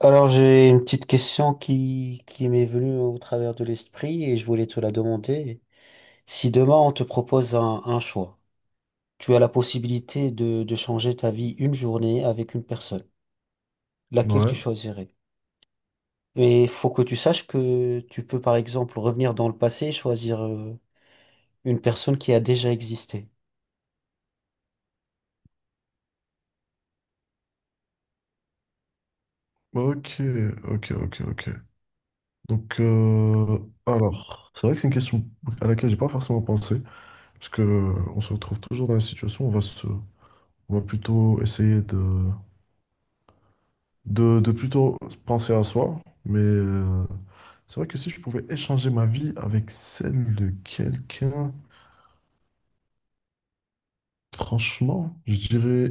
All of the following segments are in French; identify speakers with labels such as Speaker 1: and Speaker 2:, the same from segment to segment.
Speaker 1: Alors, j'ai une petite question qui m'est venue au travers de l'esprit et je voulais te la demander. Si demain on te propose un choix, tu as la possibilité de changer ta vie une journée avec une personne, laquelle tu
Speaker 2: Ouais.
Speaker 1: choisirais? Et il faut que tu saches que tu peux par exemple revenir dans le passé et choisir une personne qui a déjà existé.
Speaker 2: Ok, ok, ok, ok. Donc, alors, c'est vrai que c'est une question à laquelle j'ai pas forcément pensé, parce que on se retrouve toujours dans la situation où on va plutôt essayer de plutôt penser à soi, mais c'est vrai que si je pouvais échanger ma vie avec celle de quelqu'un, franchement, je dirais,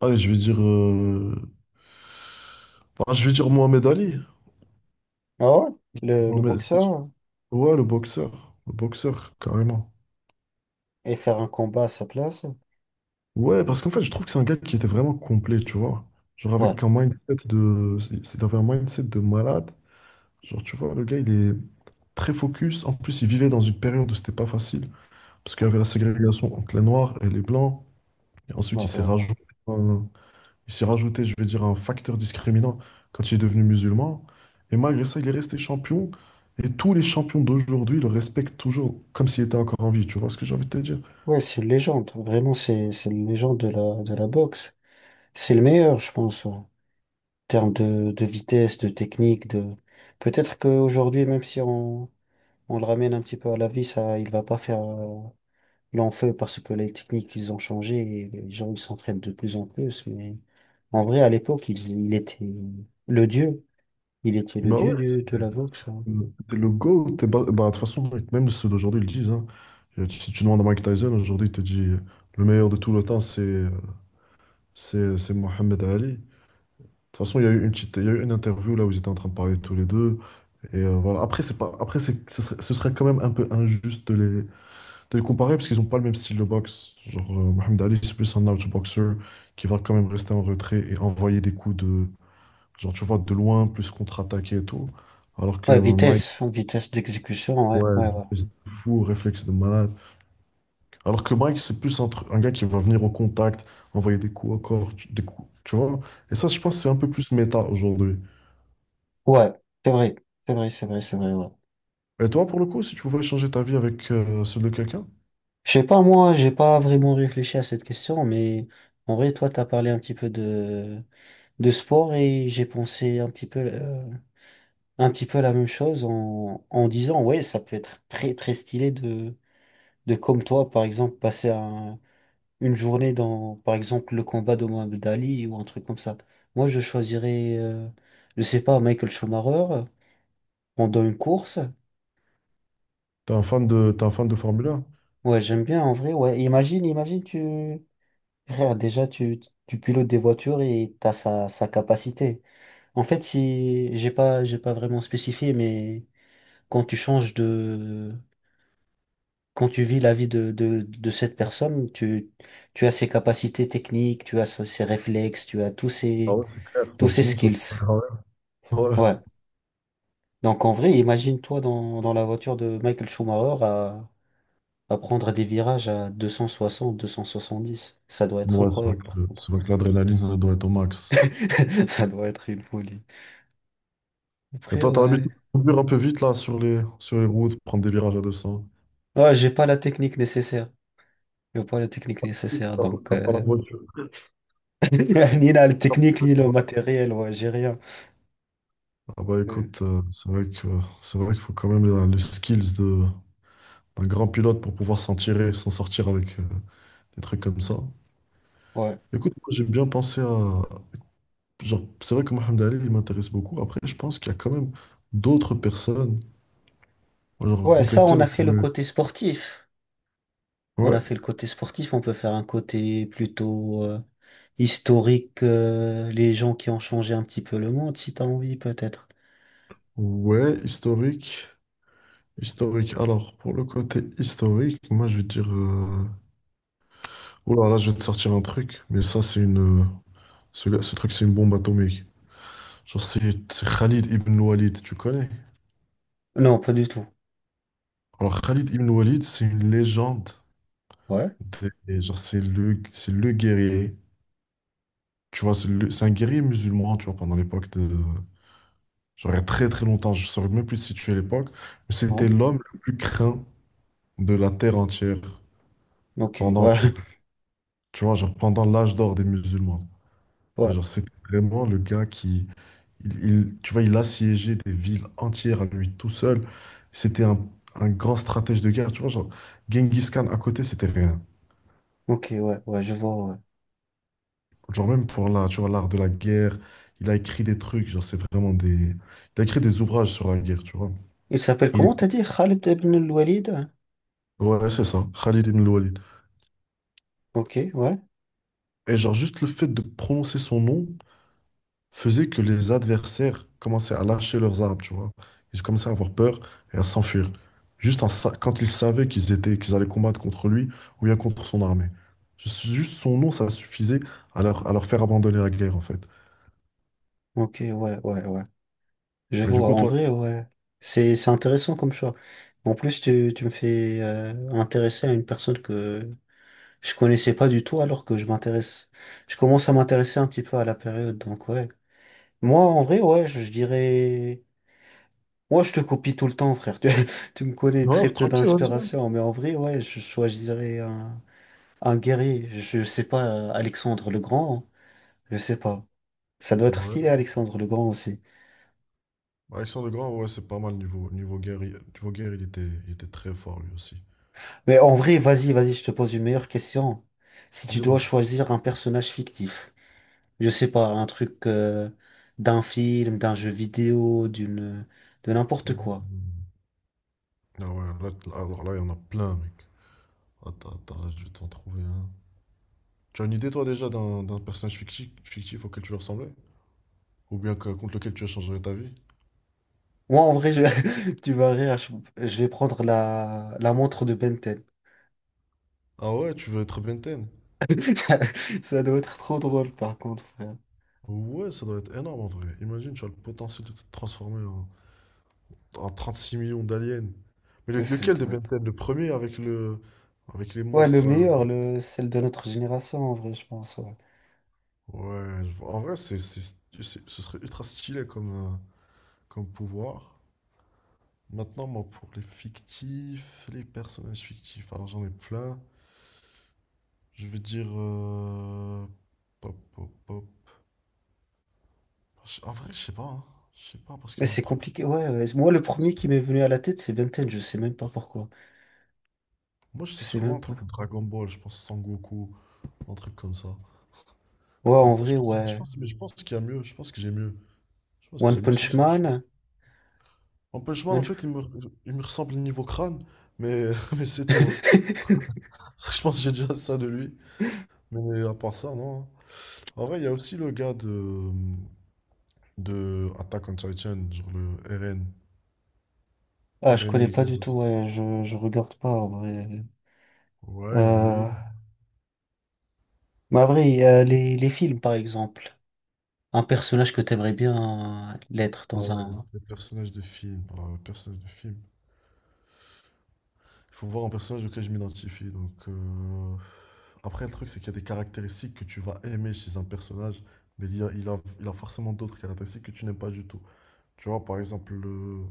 Speaker 2: allez, je vais dire, bah, je vais dire Mohamed Ali.
Speaker 1: Ah ouais? Le
Speaker 2: Mohamed-
Speaker 1: boxeur, hein?
Speaker 2: ouais, le boxeur, carrément.
Speaker 1: Et faire un combat à sa place.
Speaker 2: Ouais, parce qu'en fait, je trouve que c'est un gars qui était vraiment complet, tu vois. Genre,
Speaker 1: Ouais.
Speaker 2: avec un mindset de il avait un mindset de malade. Genre, tu vois, le gars, il est très focus. En plus, il vivait dans une période où c'était pas facile, parce qu'il y avait la ségrégation entre les Noirs et les Blancs. Et ensuite,
Speaker 1: Ouais, ouais, ouais.
Speaker 2: un- il s'est rajouté, je vais dire, un facteur discriminant quand il est devenu musulman. Et malgré ça, il est resté champion. Et tous les champions d'aujourd'hui le respectent toujours comme s'il était encore en vie. Tu vois ce que j'ai envie de te dire?
Speaker 1: Ouais, c'est une légende. Vraiment, c'est une légende de la boxe. C'est le meilleur, je pense, ouais. En termes de vitesse, de technique, de... Peut-être qu'aujourd'hui, même si on le ramène un petit peu à la vie, ça, il va pas faire long feu, parce que les techniques, ils ont changé et les gens, ils s'entraînent de plus en plus. Mais en vrai, à l'époque, il était le dieu. Il était le
Speaker 2: Bah
Speaker 1: dieu
Speaker 2: ouais.
Speaker 1: de la boxe, hein.
Speaker 2: Le le GOAT, bah, de toute façon, mec, même ceux d'aujourd'hui ils le disent, hein. Si tu demandes à Mike Tyson, aujourd'hui, il te dit le meilleur de tout le temps, c'est Mohamed Ali. De toute façon, il y a eu il y a eu une interview là où ils étaient en train de parler tous les deux. Et voilà. Après, c'est pas, après c'est, ce serait quand même un peu injuste de les comparer parce qu'ils n'ont pas le même style de boxe. Genre, Mohamed Ali, c'est plus un outboxer qui va quand même rester en retrait et envoyer des coups genre, tu vois, de loin, plus contre-attaquer et tout. Alors que
Speaker 1: Ouais,
Speaker 2: Mike.
Speaker 1: vitesse, vitesse d'exécution, ouais,
Speaker 2: Ouais,
Speaker 1: ouais, ouais.
Speaker 2: espèce de fou, réflexe de malade. Alors que Mike, c'est plus un gars qui va venir au contact, envoyer des coups au corps, des coups, tu vois. Et ça, je pense que c'est un peu plus méta aujourd'hui.
Speaker 1: Ouais, c'est vrai, c'est vrai, c'est vrai, c'est vrai, ouais.
Speaker 2: Et toi, pour le coup, si tu pouvais changer ta vie avec celle de quelqu'un,
Speaker 1: Je sais pas, moi, j'ai pas vraiment réfléchi à cette question, mais en vrai, toi, t'as parlé un petit peu de sport et j'ai pensé un petit peu la même chose en disant, ouais, ça peut être très, très stylé de comme toi, par exemple, passer une journée dans, par exemple, le combat de Mohamed Ali ou un truc comme ça. Moi, je choisirais, je sais pas, Michael Schumacher pendant une course.
Speaker 2: t'es un fan de Formule 1?
Speaker 1: Ouais, j'aime bien, en vrai, ouais. Imagine, imagine, frère, déjà, tu pilotes des voitures et t'as sa capacité. En fait, si, j'ai pas vraiment spécifié, mais quand tu changes quand tu vis la vie de cette personne, tu as ses capacités techniques, tu as ses réflexes, tu as tous
Speaker 2: Ah
Speaker 1: ses,
Speaker 2: ouais, c'est clair.
Speaker 1: tous
Speaker 2: Bah,
Speaker 1: ses
Speaker 2: sinon, ça
Speaker 1: skills.
Speaker 2: serait pas grave. Ouais,
Speaker 1: Ouais. Donc, en vrai, imagine-toi dans la voiture de Michael Schumacher à prendre des virages à deux cent soixante, 270. Ça doit être
Speaker 2: ouais, c'est vrai
Speaker 1: incroyable, par
Speaker 2: que,
Speaker 1: contre.
Speaker 2: c'est vrai que l'adrénaline, ça doit être au max.
Speaker 1: Ça doit être une folie.
Speaker 2: Et
Speaker 1: Après,
Speaker 2: toi, t'as l'habitude
Speaker 1: ouais.
Speaker 2: de conduire un peu vite là sur les routes, prendre des virages à 200.
Speaker 1: Ouais, j'ai pas la technique nécessaire. J'ai pas la technique nécessaire,
Speaker 2: T'as
Speaker 1: donc
Speaker 2: t'as pas la voiture.
Speaker 1: ni la technique, ni le matériel, ouais, j'ai rien.
Speaker 2: Ah bah
Speaker 1: Euh,
Speaker 2: écoute, c'est vrai qu'il faut quand même le skills de d'un grand pilote pour pouvoir s'en tirer, s'en sortir avec des trucs comme ça.
Speaker 1: Ouais.
Speaker 2: Écoute, moi, j'ai bien pensé à genre c'est vrai que Mohamed Ali il m'intéresse beaucoup. Après, je pense qu'il y a quand même d'autres personnes genre,
Speaker 1: Ouais,
Speaker 2: contre
Speaker 1: ça, on
Speaker 2: lesquelles
Speaker 1: a
Speaker 2: on
Speaker 1: fait le
Speaker 2: pourrait.
Speaker 1: côté sportif. On a fait
Speaker 2: Ouais,
Speaker 1: le côté sportif, on peut faire un côté plutôt historique, les gens qui ont changé un petit peu le monde, si t'as envie, peut-être.
Speaker 2: ouais, historique, historique. Alors pour le côté historique, moi je vais te dire oh là là, je vais te sortir un truc, mais ça c'est une ce truc c'est une bombe atomique. Genre, c'est Khalid ibn Walid, tu connais?
Speaker 1: Non, pas du tout.
Speaker 2: Alors, Khalid ibn Walid, c'est une légende.
Speaker 1: Ouais,
Speaker 2: Genre, c'est le guerrier. Tu vois, c'est un guerrier musulman, tu vois, pendant l'époque de. Genre, il y a très très longtemps, je ne saurais même plus te situer à l'époque, mais c'était
Speaker 1: non.
Speaker 2: l'homme le plus craint de la terre entière
Speaker 1: Ok,
Speaker 2: pendant,
Speaker 1: ouais,
Speaker 2: le- tu vois, genre, pendant l'âge d'or des musulmans. Et
Speaker 1: ouais,
Speaker 2: genre, c'était vraiment le gars qui. Tu vois, il assiégeait des villes entières à lui tout seul. C'était un grand stratège de guerre. Tu vois, genre, Genghis Khan à côté, c'était rien.
Speaker 1: ok, ouais, ouais, je vois, ouais.
Speaker 2: Genre, même pour l'art, tu vois, l'art de la guerre, il a écrit des trucs, genre c'est vraiment des. Il a écrit des ouvrages sur la guerre, tu vois.
Speaker 1: Il s'appelle
Speaker 2: Il-
Speaker 1: comment t'as dit? Khaled ibn al-Walid?
Speaker 2: Ouais, c'est ça, Khalid ibn al-Walid.
Speaker 1: Ok, ouais,
Speaker 2: Et genre juste le fait de prononcer son nom faisait que les adversaires commençaient à lâcher leurs armes, tu vois. Ils commençaient à avoir peur et à s'enfuir. Juste quand ils savaient qu'ils allaient combattre contre lui ou bien contre son armée. Juste son nom, ça suffisait à leur faire abandonner la guerre, en fait.
Speaker 1: ok, ouais, ouais, ouais. Je
Speaker 2: Et du
Speaker 1: vois,
Speaker 2: coup,
Speaker 1: en
Speaker 2: toi.
Speaker 1: vrai, ouais. C'est intéressant comme choix. En plus, tu me fais intéresser à une personne que je connaissais pas du tout alors que je m'intéresse. Je commence à m'intéresser un petit peu à la période, donc ouais. Moi, en vrai, ouais, je dirais. Moi, je te copie tout le temps, frère. Tu me connais
Speaker 2: Ouais,
Speaker 1: très peu
Speaker 2: tranquille, ouais,
Speaker 1: d'inspiration, mais en vrai, ouais, je choisirais un guerrier. Je sais pas, Alexandre le Grand, hein. Je sais pas. Ça doit être stylé,
Speaker 2: tiens.
Speaker 1: Alexandre le Grand aussi.
Speaker 2: Bah, Alexandre Grand, ouais, c'est pas mal niveau guerre. Niveau guerre, il était très fort lui aussi.
Speaker 1: Mais en vrai, vas-y, vas-y, je te pose une meilleure question. Si tu dois
Speaker 2: Dis-moi.
Speaker 1: choisir un personnage fictif, je sais pas, un truc d'un film, d'un jeu vidéo, de n'importe quoi.
Speaker 2: Mhm. Ah ouais, là, alors là, il y en a plein, mec. Attends, attends, là, je vais t'en trouver un. Tu as une idée, toi, déjà, d'un personnage fictif auquel tu veux ressembler? Ou bien contre lequel tu as changé ta vie?
Speaker 1: Moi, en vrai, tu vas rire, je vais prendre la montre de Ben 10.
Speaker 2: Ah ouais, tu veux être Ben 10?
Speaker 1: Ça doit être trop drôle, par contre, frère.
Speaker 2: Ouais, ça doit être énorme en vrai. Imagine, tu as le potentiel de te transformer en 36 millions d'aliens. Mais
Speaker 1: Ça
Speaker 2: lequel de
Speaker 1: doit
Speaker 2: Ben
Speaker 1: être-
Speaker 2: 10? Le premier avec les
Speaker 1: Ouais, le
Speaker 2: monstres là.
Speaker 1: meilleur, celle de notre génération, en vrai, je pense, ouais.
Speaker 2: Ouais, je vois. En vrai, ce serait ultra stylé comme pouvoir. Maintenant, moi, pour les fictifs, les personnages fictifs, alors j'en ai plein. Je vais dire, pop, pop, pop. En vrai, je sais pas, hein. Je sais pas parce
Speaker 1: Mais
Speaker 2: qu'il y en a
Speaker 1: c'est
Speaker 2: trop.
Speaker 1: compliqué, ouais, ouais. Moi, le premier
Speaker 2: C'est
Speaker 1: qui
Speaker 2: tr-
Speaker 1: m'est venu à la tête, c'est Ben 10, je sais même pas pourquoi.
Speaker 2: Moi, je
Speaker 1: Je
Speaker 2: sais
Speaker 1: sais
Speaker 2: sûrement
Speaker 1: même
Speaker 2: un
Speaker 1: pas.
Speaker 2: truc Dragon Ball, je pense Sangoku, un truc comme ça.
Speaker 1: Ouais,
Speaker 2: Mais
Speaker 1: en
Speaker 2: attends,
Speaker 1: vrai, ouais.
Speaker 2: mais je pense qu'il y a mieux. Je pense que j'ai mieux. Je pense que j'ai
Speaker 1: One
Speaker 2: mieux, c'est
Speaker 1: Punch
Speaker 2: juste.
Speaker 1: Man.
Speaker 2: En Punch Man, en
Speaker 1: One...
Speaker 2: fait, il me ressemble niveau crâne, mais, mais c'est tout, hein. Je pense que j'ai déjà ça de lui. Mais à part ça, non, hein. En vrai, il y a aussi le gars de Attack on Titan, genre le RN.
Speaker 1: Ah, je
Speaker 2: Eren
Speaker 1: connais pas
Speaker 2: Yeager
Speaker 1: du tout,
Speaker 2: aussi.
Speaker 1: ouais, je regarde pas en vrai.
Speaker 2: Ouais, il y a lui.
Speaker 1: Euh, Mais en vrai, les films par exemple, un personnage que t'aimerais bien l'être
Speaker 2: Ah
Speaker 1: dans
Speaker 2: ouais, le,
Speaker 1: un.
Speaker 2: le personnage de film. Alors, le personnage de film. Il faut voir un personnage auquel je m'identifie. Donc, après, le truc, c'est qu'il y a des caractéristiques que tu vas aimer chez un personnage, mais il a forcément d'autres caractéristiques que tu n'aimes pas du tout. Tu vois, par exemple, le.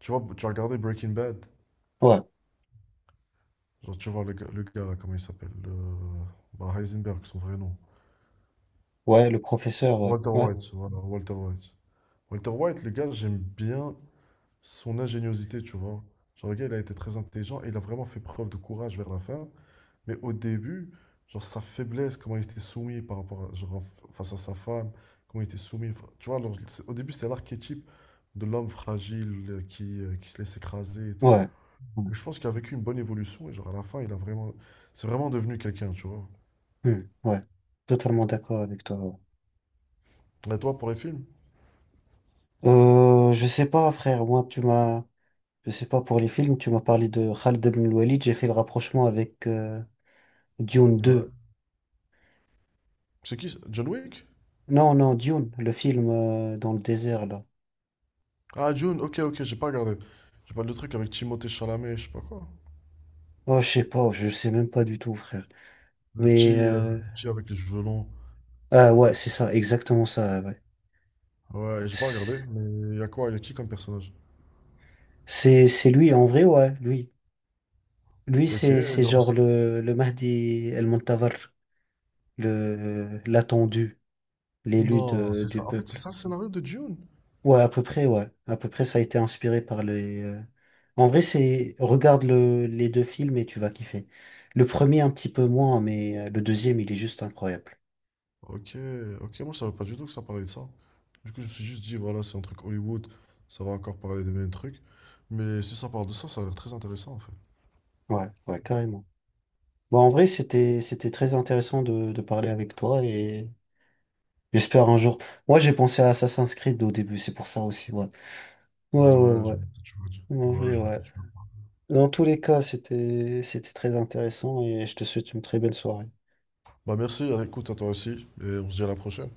Speaker 2: Tu vois, tu as regardé Breaking Bad.
Speaker 1: Ouais,
Speaker 2: Genre, tu vois, le gars, là, comment il s'appelle? Bah, Heisenberg, son vrai nom.
Speaker 1: ouais, le professeur, ouais,
Speaker 2: Walter
Speaker 1: ouais,
Speaker 2: White, voilà, Walter White. Walter White, le gars, j'aime bien son ingéniosité, tu vois. Genre, le gars, il a été très intelligent et il a vraiment fait preuve de courage vers la fin. Mais au début, genre, sa faiblesse, comment il était soumis par rapport genre, face à sa femme, comment il était soumis. Enfin, tu vois, alors, au début, c'était l'archétype de l'homme fragile qui se laisse écraser et tout.
Speaker 1: ouais, ouais,
Speaker 2: Mais je pense qu'il a vécu une bonne évolution et, genre, à la fin, il a vraiment. C'est vraiment devenu quelqu'un, tu vois.
Speaker 1: hmm, ouais. Totalement d'accord avec toi, ouais.
Speaker 2: Et toi, pour les films?
Speaker 1: Je sais pas, frère, moi tu m'as. Je sais pas, pour les films, tu m'as parlé de Khaled Ben Walid, j'ai fait le rapprochement avec Dune
Speaker 2: Ouais.
Speaker 1: deux.
Speaker 2: C'est qui, ça, John Wick?
Speaker 1: Non, non, Dune, le film dans le désert, là.
Speaker 2: Ah, Dune, ok, ok, j'ai pas regardé. J'ai pas le truc avec Timothée Chalamet, je sais pas quoi.
Speaker 1: Oh, je sais pas, je sais même pas du tout, frère.
Speaker 2: Le
Speaker 1: Mais,
Speaker 2: petit, euh, le petit avec les cheveux longs.
Speaker 1: ah ouais, c'est ça, exactement ça, ouais.
Speaker 2: Ouais, j'ai pas regardé, mais y a quoi? Y a qui comme personnage?
Speaker 1: C'est lui, en vrai, ouais, lui. Lui,
Speaker 2: Ok,
Speaker 1: c'est
Speaker 2: genre.
Speaker 1: genre le Mahdi El-Montavar, l'attendu, l'élu
Speaker 2: Non, c'est
Speaker 1: du
Speaker 2: ça. En fait, c'est
Speaker 1: peuple.
Speaker 2: ça le scénario de Dune.
Speaker 1: Ouais, à peu près, ouais. À peu près, ça a été inspiré par les... En vrai, c'est... Regarde les deux films et tu vas kiffer. Le premier, un petit peu moins, mais le deuxième, il est juste incroyable.
Speaker 2: Ok, ok, moi je savais pas du tout que ça parlait de ça. Du coup, je me suis juste dit, voilà, c'est un truc Hollywood, ça va encore parler des mêmes trucs. Mais si ça parle de ça, ça a l'air très intéressant en fait.
Speaker 1: Ouais, ouais, carrément. Bon, en vrai, c'était très intéressant de parler avec toi et j'espère un jour. Moi, j'ai pensé à Assassin's Creed au début, c'est pour ça aussi, ouais. Ouais,
Speaker 2: Ouais, je
Speaker 1: ouais,
Speaker 2: vois ce
Speaker 1: ouais.
Speaker 2: que tu veux dire.
Speaker 1: En
Speaker 2: Ouais,
Speaker 1: vrai,
Speaker 2: je vois ce
Speaker 1: ouais.
Speaker 2: que tu veux dire.
Speaker 1: Dans tous les cas, c'était très intéressant et je te souhaite une très belle soirée.
Speaker 2: Bah merci, hein. Écoute, à toi aussi, et on se dit à la prochaine.